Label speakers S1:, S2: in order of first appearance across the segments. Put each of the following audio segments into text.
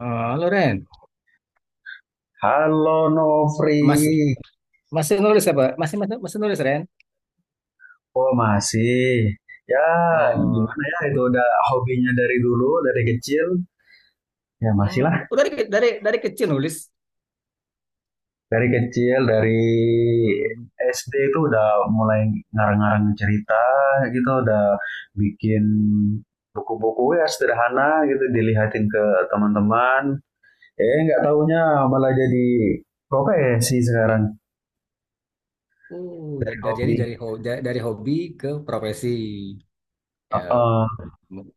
S1: Oh, halo Ren.
S2: Halo Nofri,
S1: Mas, masih nulis apa? Masih masih, masih nulis Ren?
S2: oh masih? Ya
S1: Oh,
S2: gimana ya itu udah hobinya dari dulu, dari kecil. Ya masih lah,
S1: hmm, udah dari kecil nulis.
S2: dari kecil, dari
S1: Hmm.
S2: SD itu udah mulai ngarang-ngarang cerita gitu, udah bikin buku-buku ya sederhana gitu, dilihatin ke teman-teman. Eh nggak taunya malah jadi profesi sekarang,
S1: Jadi dari
S2: hobi.
S1: dari hobi ke profesi ya,
S2: Heeh.
S1: m-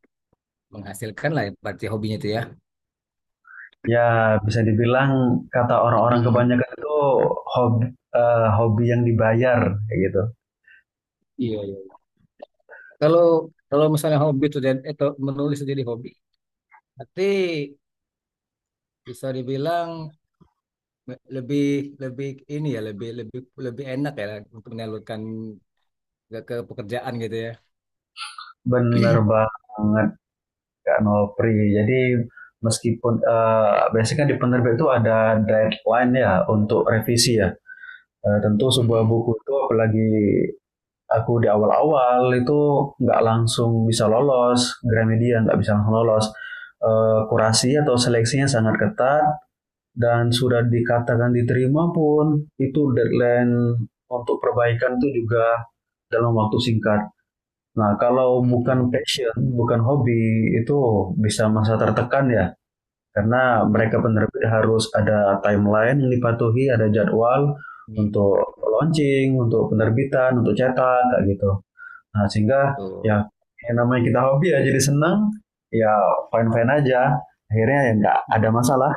S1: menghasilkan lah berarti hobinya itu ya.
S2: Ya, bisa dibilang kata orang-orang
S1: Hmm.
S2: kebanyakan itu hobi, hobi yang dibayar, kayak gitu.
S1: Iya, iya. Kalau kalau misalnya hobi itu jadi itu menulis itu jadi hobi, berarti bisa dibilang lebih lebih ini ya lebih lebih lebih enak ya untuk menyalurkan ke pekerjaan gitu ya.
S2: Bener banget, Kak Nopri. Jadi, meskipun biasanya kan di penerbit itu ada deadline ya untuk revisi ya. Tentu sebuah
S1: Mm-mm.
S2: buku itu apalagi aku di awal-awal itu nggak langsung bisa lolos, Gramedia nggak bisa langsung lolos. Kurasi atau seleksinya sangat ketat, dan sudah dikatakan diterima pun itu deadline untuk perbaikan itu juga dalam waktu singkat. Nah, kalau bukan
S1: Mm-mm.
S2: passion, bukan hobi, itu bisa masa tertekan ya. Karena
S1: Mm-mm.
S2: mereka penerbit harus ada timeline yang dipatuhi, ada jadwal untuk launching, untuk penerbitan, untuk cetak, kayak gitu. Nah, sehingga ya
S1: Tuh.
S2: yang namanya kita hobi ya jadi senang, ya fine-fine aja. Akhirnya ya nggak ada masalah,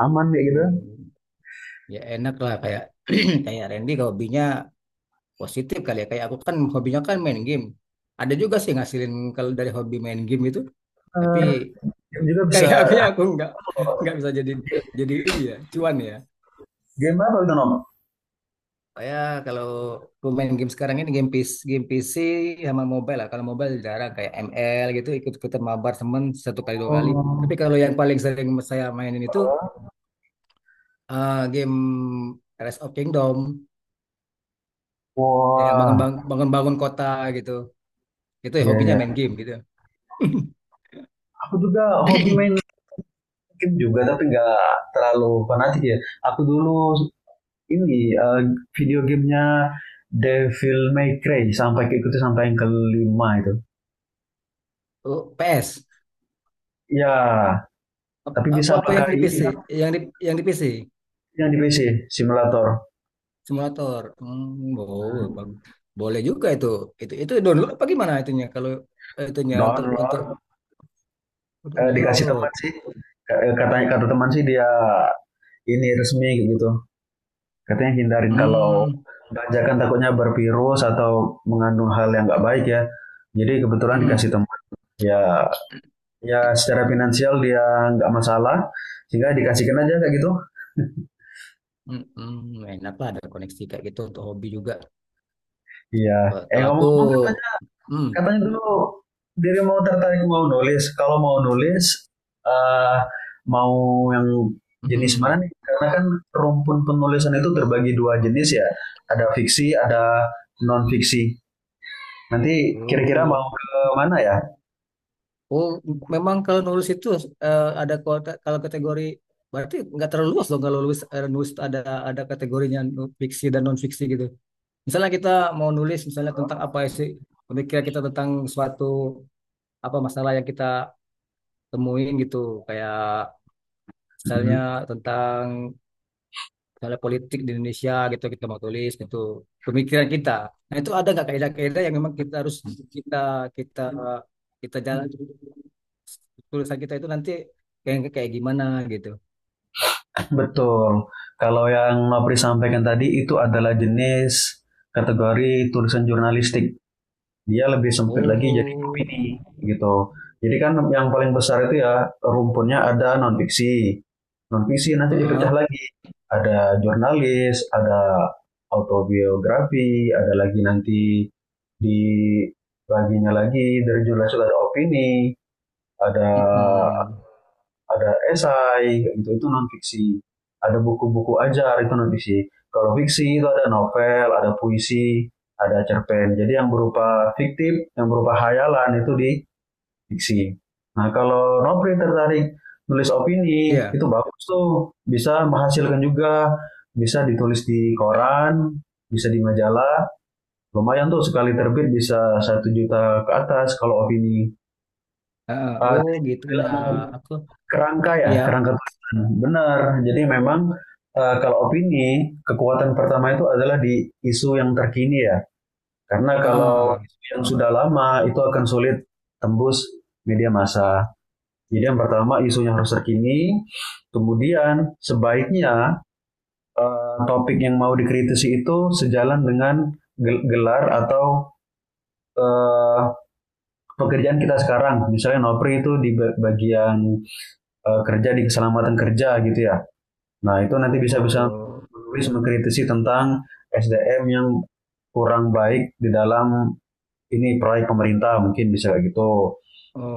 S2: aman kayak gitu.
S1: Mm-mm. Ya enak lah kayak kayak Randy kalau hobinya positif kali ya. Kayak aku kan hobinya kan main game. Ada juga sih ngasilin kalau dari hobi main game itu. Tapi
S2: Eh, game juga bisa.
S1: kayak aku ya, aku nggak bisa jadi ini ya cuan ya.
S2: Game apa itu nom?
S1: Kayak kalau aku main game sekarang ini game PC, game PC sama mobile lah. Kalau mobile jarang kayak ML gitu ikut-ikutan mabar temen satu kali dua kali.
S2: Oh.
S1: Tapi kalau yang paling sering saya mainin itu game Rise of Kingdom yang bangun
S2: Wah,
S1: bangun bangun bangun kota gitu itu ya
S2: iya
S1: hobinya
S2: ya.
S1: main game gitu.
S2: Aku juga hobi main game juga, tapi nggak terlalu fanatik ya. Aku dulu ini video gamenya Devil May Cry sampai ke ikuti sampai yang kelima itu.
S1: Oh, PS,
S2: Ya, tapi bisa
S1: apa apa yang
S2: pakai
S1: di
S2: ini
S1: PC, yang di yang di PC
S2: yang di PC simulator.
S1: simulator. Hmm, oh, boleh juga itu. Itu download apa gimana itunya kalau itunya
S2: Download,
S1: untuk
S2: dikasih teman
S1: download.
S2: sih. Katanya kata teman sih dia ini resmi gitu. Katanya hindarin kalau
S1: Hmm,
S2: ganja kan takutnya bervirus atau mengandung hal yang nggak baik ya. Jadi kebetulan dikasih
S1: hmm,
S2: teman, ya ya secara finansial dia nggak masalah sehingga dikasihkan aja kayak gitu.
S1: hmm, hmm, enak lah ada koneksi kayak gitu untuk hobi juga.
S2: Iya. Eh
S1: Kalau aku
S2: ngomong-ngomong katanya
S1: hmm,
S2: katanya dulu diri mau tertarik mau nulis. Kalau mau nulis eh mau yang
S1: hmm,
S2: jenis mana
S1: hmm.
S2: nih? Karena kan rumpun penulisan itu terbagi dua jenis ya. Ada fiksi, ada non fiksi. Nanti kira-kira mau
S1: Oh.
S2: ke mana ya?
S1: Oh, memang kalau nulis itu ada kalau kategori berarti nggak terlalu luas dong kalau nulis, nulis ada kategorinya, fiksi dan non fiksi gitu. Misalnya kita mau nulis misalnya tentang apa sih pemikiran kita tentang suatu apa masalah yang kita temuin gitu, kayak misalnya
S2: Mhm.
S1: tentang misalnya politik di Indonesia gitu kita mau tulis gitu pemikiran kita, nah itu ada nggak kaidah-kaidah yang memang kita harus kita kita kita jalan tulisan kita itu nanti kayak kayak gimana gitu.
S2: Betul. Kalau yang Nopri sampaikan tadi itu adalah jenis kategori tulisan jurnalistik. Dia lebih sempit lagi jadi
S1: Oh,
S2: opini gitu. Jadi kan yang paling besar itu ya rumpunnya ada non fiksi. Non fiksi nanti dipecah
S1: heeh.
S2: lagi. Ada jurnalis, ada autobiografi, ada lagi nanti di baginya lagi dari jurnalis itu ada opini, ada
S1: Mm-mm.
S2: ada esai kayak gitu itu non fiksi, ada buku-buku ajar itu non fiksi. Kalau fiksi itu ada novel, ada puisi, ada cerpen, jadi yang berupa fiktif yang berupa hayalan itu di fiksi. Nah kalau Nopri tertarik nulis opini
S1: Iya,
S2: itu bagus tuh, bisa menghasilkan juga, bisa ditulis di koran, bisa di majalah, lumayan tuh sekali terbit bisa 1 juta ke atas kalau opini.
S1: heeh.
S2: uh,
S1: Oh gitu.
S2: Bilang
S1: Nah, aku
S2: kerangka ya,
S1: ya,
S2: kerangka tulisan. Benar. Jadi memang kalau opini, kekuatan pertama itu adalah di isu yang terkini ya. Karena kalau
S1: heeh.
S2: isu yang sudah lama itu akan sulit tembus media massa. Jadi yang pertama isu yang harus terkini, kemudian sebaiknya topik yang mau dikritisi itu sejalan dengan gelar atau eh, pekerjaan kita sekarang. Misalnya Nopri itu di bagian kerja di keselamatan kerja gitu ya. Nah, itu nanti
S1: Oh,
S2: bisa-bisa
S1: oh,
S2: menulis mengkritisi tentang SDM yang kurang baik di dalam ini proyek pemerintah mungkin bisa kayak gitu,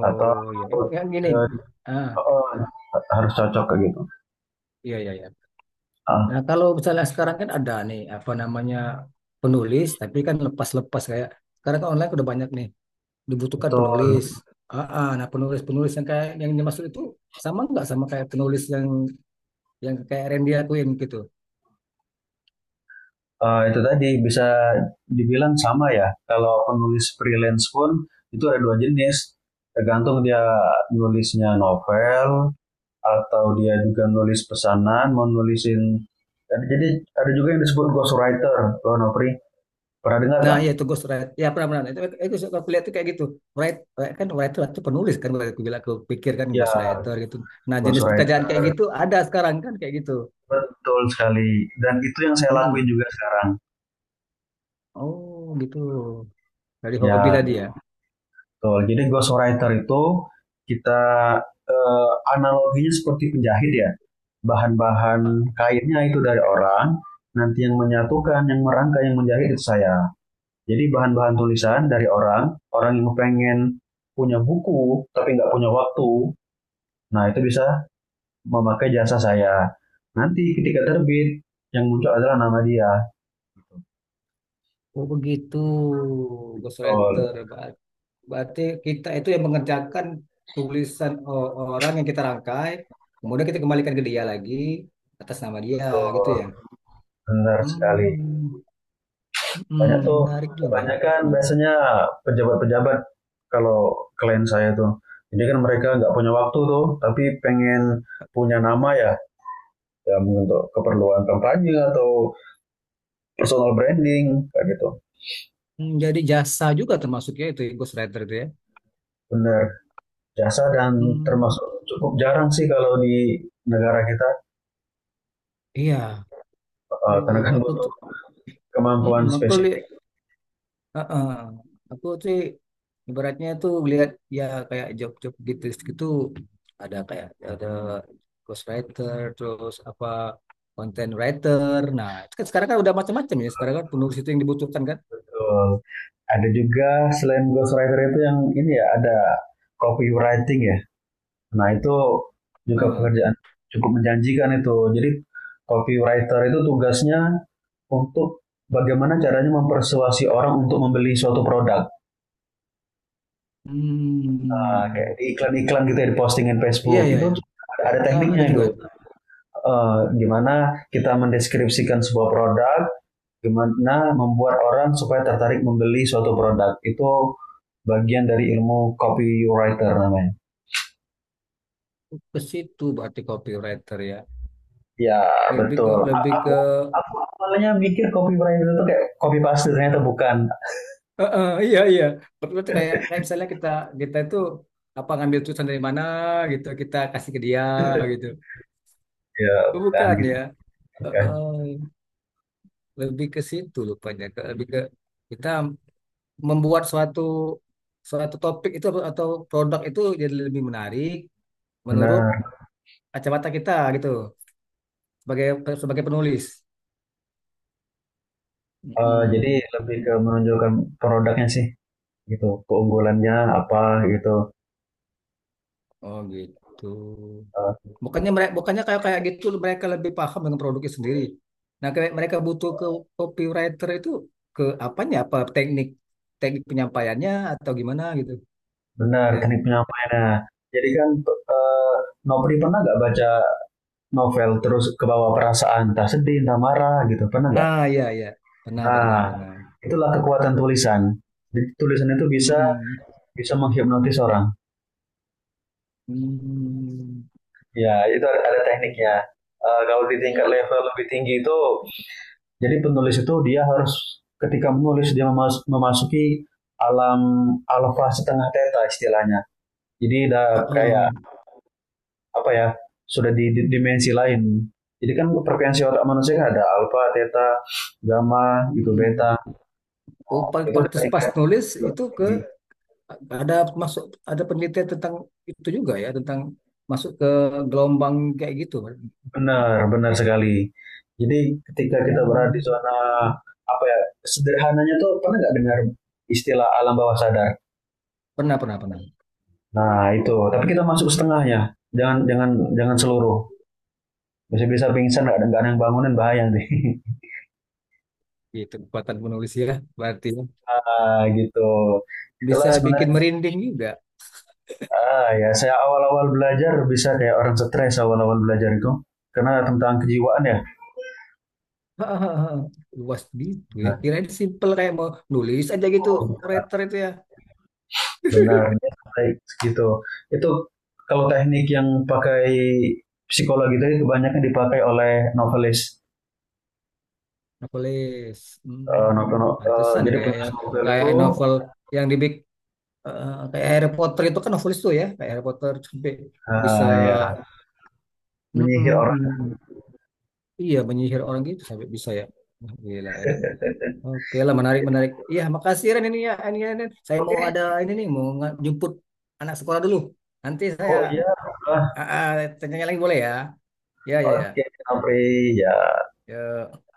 S2: atau
S1: ya, ya gini.
S2: eh,
S1: Ah,
S2: oh, harus cocok kayak gitu.
S1: iya, iya, iya.
S2: Ah,
S1: Nah, kalau misalnya sekarang kan ada nih apa namanya penulis, tapi kan lepas-lepas kayak sekarang kan online udah banyak nih dibutuhkan
S2: betul.
S1: penulis. Ah, ah, nah penulis-penulis yang kayak yang dimaksud itu sama nggak sama kayak penulis yang kayak Randy lakuin gitu.
S2: Itu tadi bisa dibilang sama ya. Kalau penulis freelance pun itu ada dua jenis. Tergantung dia nulisnya novel atau dia juga nulis pesanan, mau nulisin. Jadi ada juga yang disebut ghostwriter, loh Nopri. Pernah dengar
S1: Nah,
S2: nggak?
S1: ya itu ghostwriter. Ya, pernah-pernah. Itu suka aku lihat tuh kayak gitu. Write, kan writer itu penulis kan. Aku bilang, aku pikir kan
S2: Ya,
S1: ghostwriter gitu. Nah, jenis
S2: ghostwriting
S1: pekerjaan kayak gitu ada sekarang kan kayak gitu.
S2: betul sekali. Dan itu yang saya lakuin
S1: Mm-mm.
S2: juga sekarang.
S1: Oh, gitu. Dari hobi
S2: Ya,
S1: tadi ya.
S2: betul. Jadi ghostwriter itu kita analoginya seperti penjahit ya. Bahan-bahan kainnya itu dari orang, nanti yang menyatukan, yang merangkai, yang menjahit itu saya. Jadi bahan-bahan tulisan dari orang, orang yang pengen punya buku tapi nggak punya waktu, nah itu bisa memakai jasa saya. Nanti ketika terbit, yang muncul adalah nama dia.
S1: Oh, begitu.
S2: Betul.
S1: Ghostwriter. Berarti kita itu yang mengerjakan tulisan orang yang kita rangkai. Kemudian kita kembalikan ke dia lagi atas nama dia gitu
S2: Betul,
S1: ya.
S2: benar sekali.
S1: Hmm, hmm,
S2: Banyak tuh,
S1: menarik juga.
S2: kebanyakan biasanya pejabat-pejabat kalau klien saya tuh. Jadi kan mereka nggak punya waktu tuh, tapi pengen punya nama ya, ya untuk keperluan kampanye atau personal branding, kayak gitu.
S1: Hmm, jadi jasa juga termasuknya itu ya, ghostwriter itu ya.
S2: Benar, jasa dan
S1: Hmm,
S2: termasuk cukup jarang sih kalau di negara kita,
S1: iya.
S2: karena
S1: Oh,
S2: kan
S1: aku
S2: butuh
S1: tuh,
S2: kemampuan
S1: mm-mm,
S2: spesifik.
S1: uh-uh. Aku tuh ibaratnya tuh lihat ya kayak job-job gitu gitu ada kayak ada ghostwriter terus apa content writer. Nah, itu kan sekarang kan udah macam-macam ya. Sekarang kan penulis itu yang dibutuhkan kan.
S2: Betul. Ada juga selain ghostwriter itu yang ini ya, ada copywriting ya. Nah, itu juga
S1: Ah.
S2: pekerjaan cukup menjanjikan itu. Jadi, copywriter itu tugasnya untuk bagaimana caranya mempersuasi orang untuk membeli suatu produk. Nah, kayak
S1: Hmm.
S2: di iklan-iklan gitu ya, di postingan
S1: Iya,
S2: Facebook.
S1: iya,
S2: Itu
S1: iya.
S2: ada,
S1: Ah, ada
S2: tekniknya
S1: juga
S2: itu. Gimana kita mendeskripsikan sebuah produk, gimana membuat orang supaya tertarik membeli suatu produk. Itu bagian dari ilmu copywriter namanya.
S1: ke situ berarti copywriter ya.
S2: Ya, betul. A-
S1: Lebih
S2: Aku
S1: ke
S2: aku awalnya mikir copywriter itu kayak copy paste ternyata bukan.
S1: heeh, iya iya. Berarti kayak kayak misalnya kita kita itu apa ngambil tulisan dari mana gitu kita kasih ke dia gitu.
S2: Ya,
S1: Oh,
S2: bukan
S1: bukan
S2: gitu.
S1: ya.
S2: Bukan.
S1: Heeh, lebih ke situ lupanya. Lebih ke kita membuat suatu suatu topik itu atau produk itu jadi lebih menarik menurut
S2: Benar.
S1: kacamata kita gitu sebagai sebagai penulis.
S2: Jadi
S1: Mm-mm.
S2: lebih ke menonjolkan produknya sih gitu. Keunggulannya apa gitu.
S1: Oh gitu.
S2: Eh,
S1: Bukannya mereka, bukannya kayak kayak gitu mereka lebih paham dengan produknya sendiri. Nah, kayak mereka butuh ke copywriter itu ke apanya? Apa teknik teknik penyampaiannya atau gimana gitu,
S2: Benar, teknik
S1: Ren?
S2: penyampaiannya. Jadi kan eh, Nopri pernah nggak baca novel terus kebawa perasaan, entah sedih, entah marah gitu. Pernah nggak?
S1: Ah, iya iya. Pernah, pernah,
S2: Nah,
S1: pernah.
S2: itulah kekuatan tulisan. Jadi, tulisan itu bisa
S1: Mm-mm.
S2: bisa menghipnotis orang.
S1: Hmm.
S2: Ya, itu ada tekniknya.
S1: Juga.
S2: Kalau di tingkat level lebih tinggi itu, jadi penulis itu dia harus ketika menulis dia memasuki alam alfa setengah theta istilahnya. Jadi udah kayak
S1: Uh-uh.
S2: apa ya, sudah di dimensi lain. Jadi kan frekuensi otak manusia kan ada alfa, theta, gamma, gitu beta.
S1: Mm-mm. Oh, pas
S2: Itu
S1: pas-
S2: udah
S1: pas
S2: tingkat.
S1: nulis itu ke ada masuk, ada penelitian tentang itu juga ya, tentang masuk ke gelombang kayak gitu.
S2: Benar, benar sekali. Jadi ketika kita berada di
S1: Hmm.
S2: zona apa ya, sederhananya tuh pernah nggak dengar istilah alam bawah sadar?
S1: Pernah, pernah, pernah.
S2: Nah itu, tapi kita masuk setengahnya, jangan jangan jangan seluruh. Bisa-bisa pingsan, nggak ada yang bangunan, bahaya nih.
S1: Gitu, kekuatan penulis ya, berarti ya.
S2: Ah gitu. Itulah
S1: Bisa bikin
S2: sebenarnya.
S1: merinding juga.
S2: Ah ya, saya awal-awal belajar bisa kayak orang stres awal-awal belajar itu karena tentang kejiwaan ya.
S1: Luas gitu ya. Kirain simpel kayak mau nulis aja gitu,
S2: Nah,
S1: writer itu ya.
S2: benar, dia sampai segitu. Itu kalau teknik yang pakai psikologi tadi kebanyakan dipakai oleh novelis.
S1: Novelis,
S2: Eh, novel,
S1: hmm,
S2: no- eh,
S1: pantesan
S2: Jadi
S1: kayak
S2: penulis
S1: yang
S2: novel
S1: kayak
S2: itu
S1: novel yang dibikin kayak Harry Potter itu kan novelis tuh ya, kayak Harry Potter sampai bisa
S2: ah, ya
S1: mm,
S2: menyihir
S1: mm,
S2: orang.
S1: mm. Iya, menyihir orang gitu sampai bisa ya. Wah, gila ya. Oke lah, menarik menarik. Iya, makasih Ren ini ya, ini, ini. Saya mau ada
S2: Oke,
S1: ini nih, mau jemput anak sekolah dulu. Nanti saya
S2: oh iya, ah,
S1: ah, ah, tanya lagi boleh ya? Ya ya ya.
S2: oke, Apri, ya.
S1: Ya.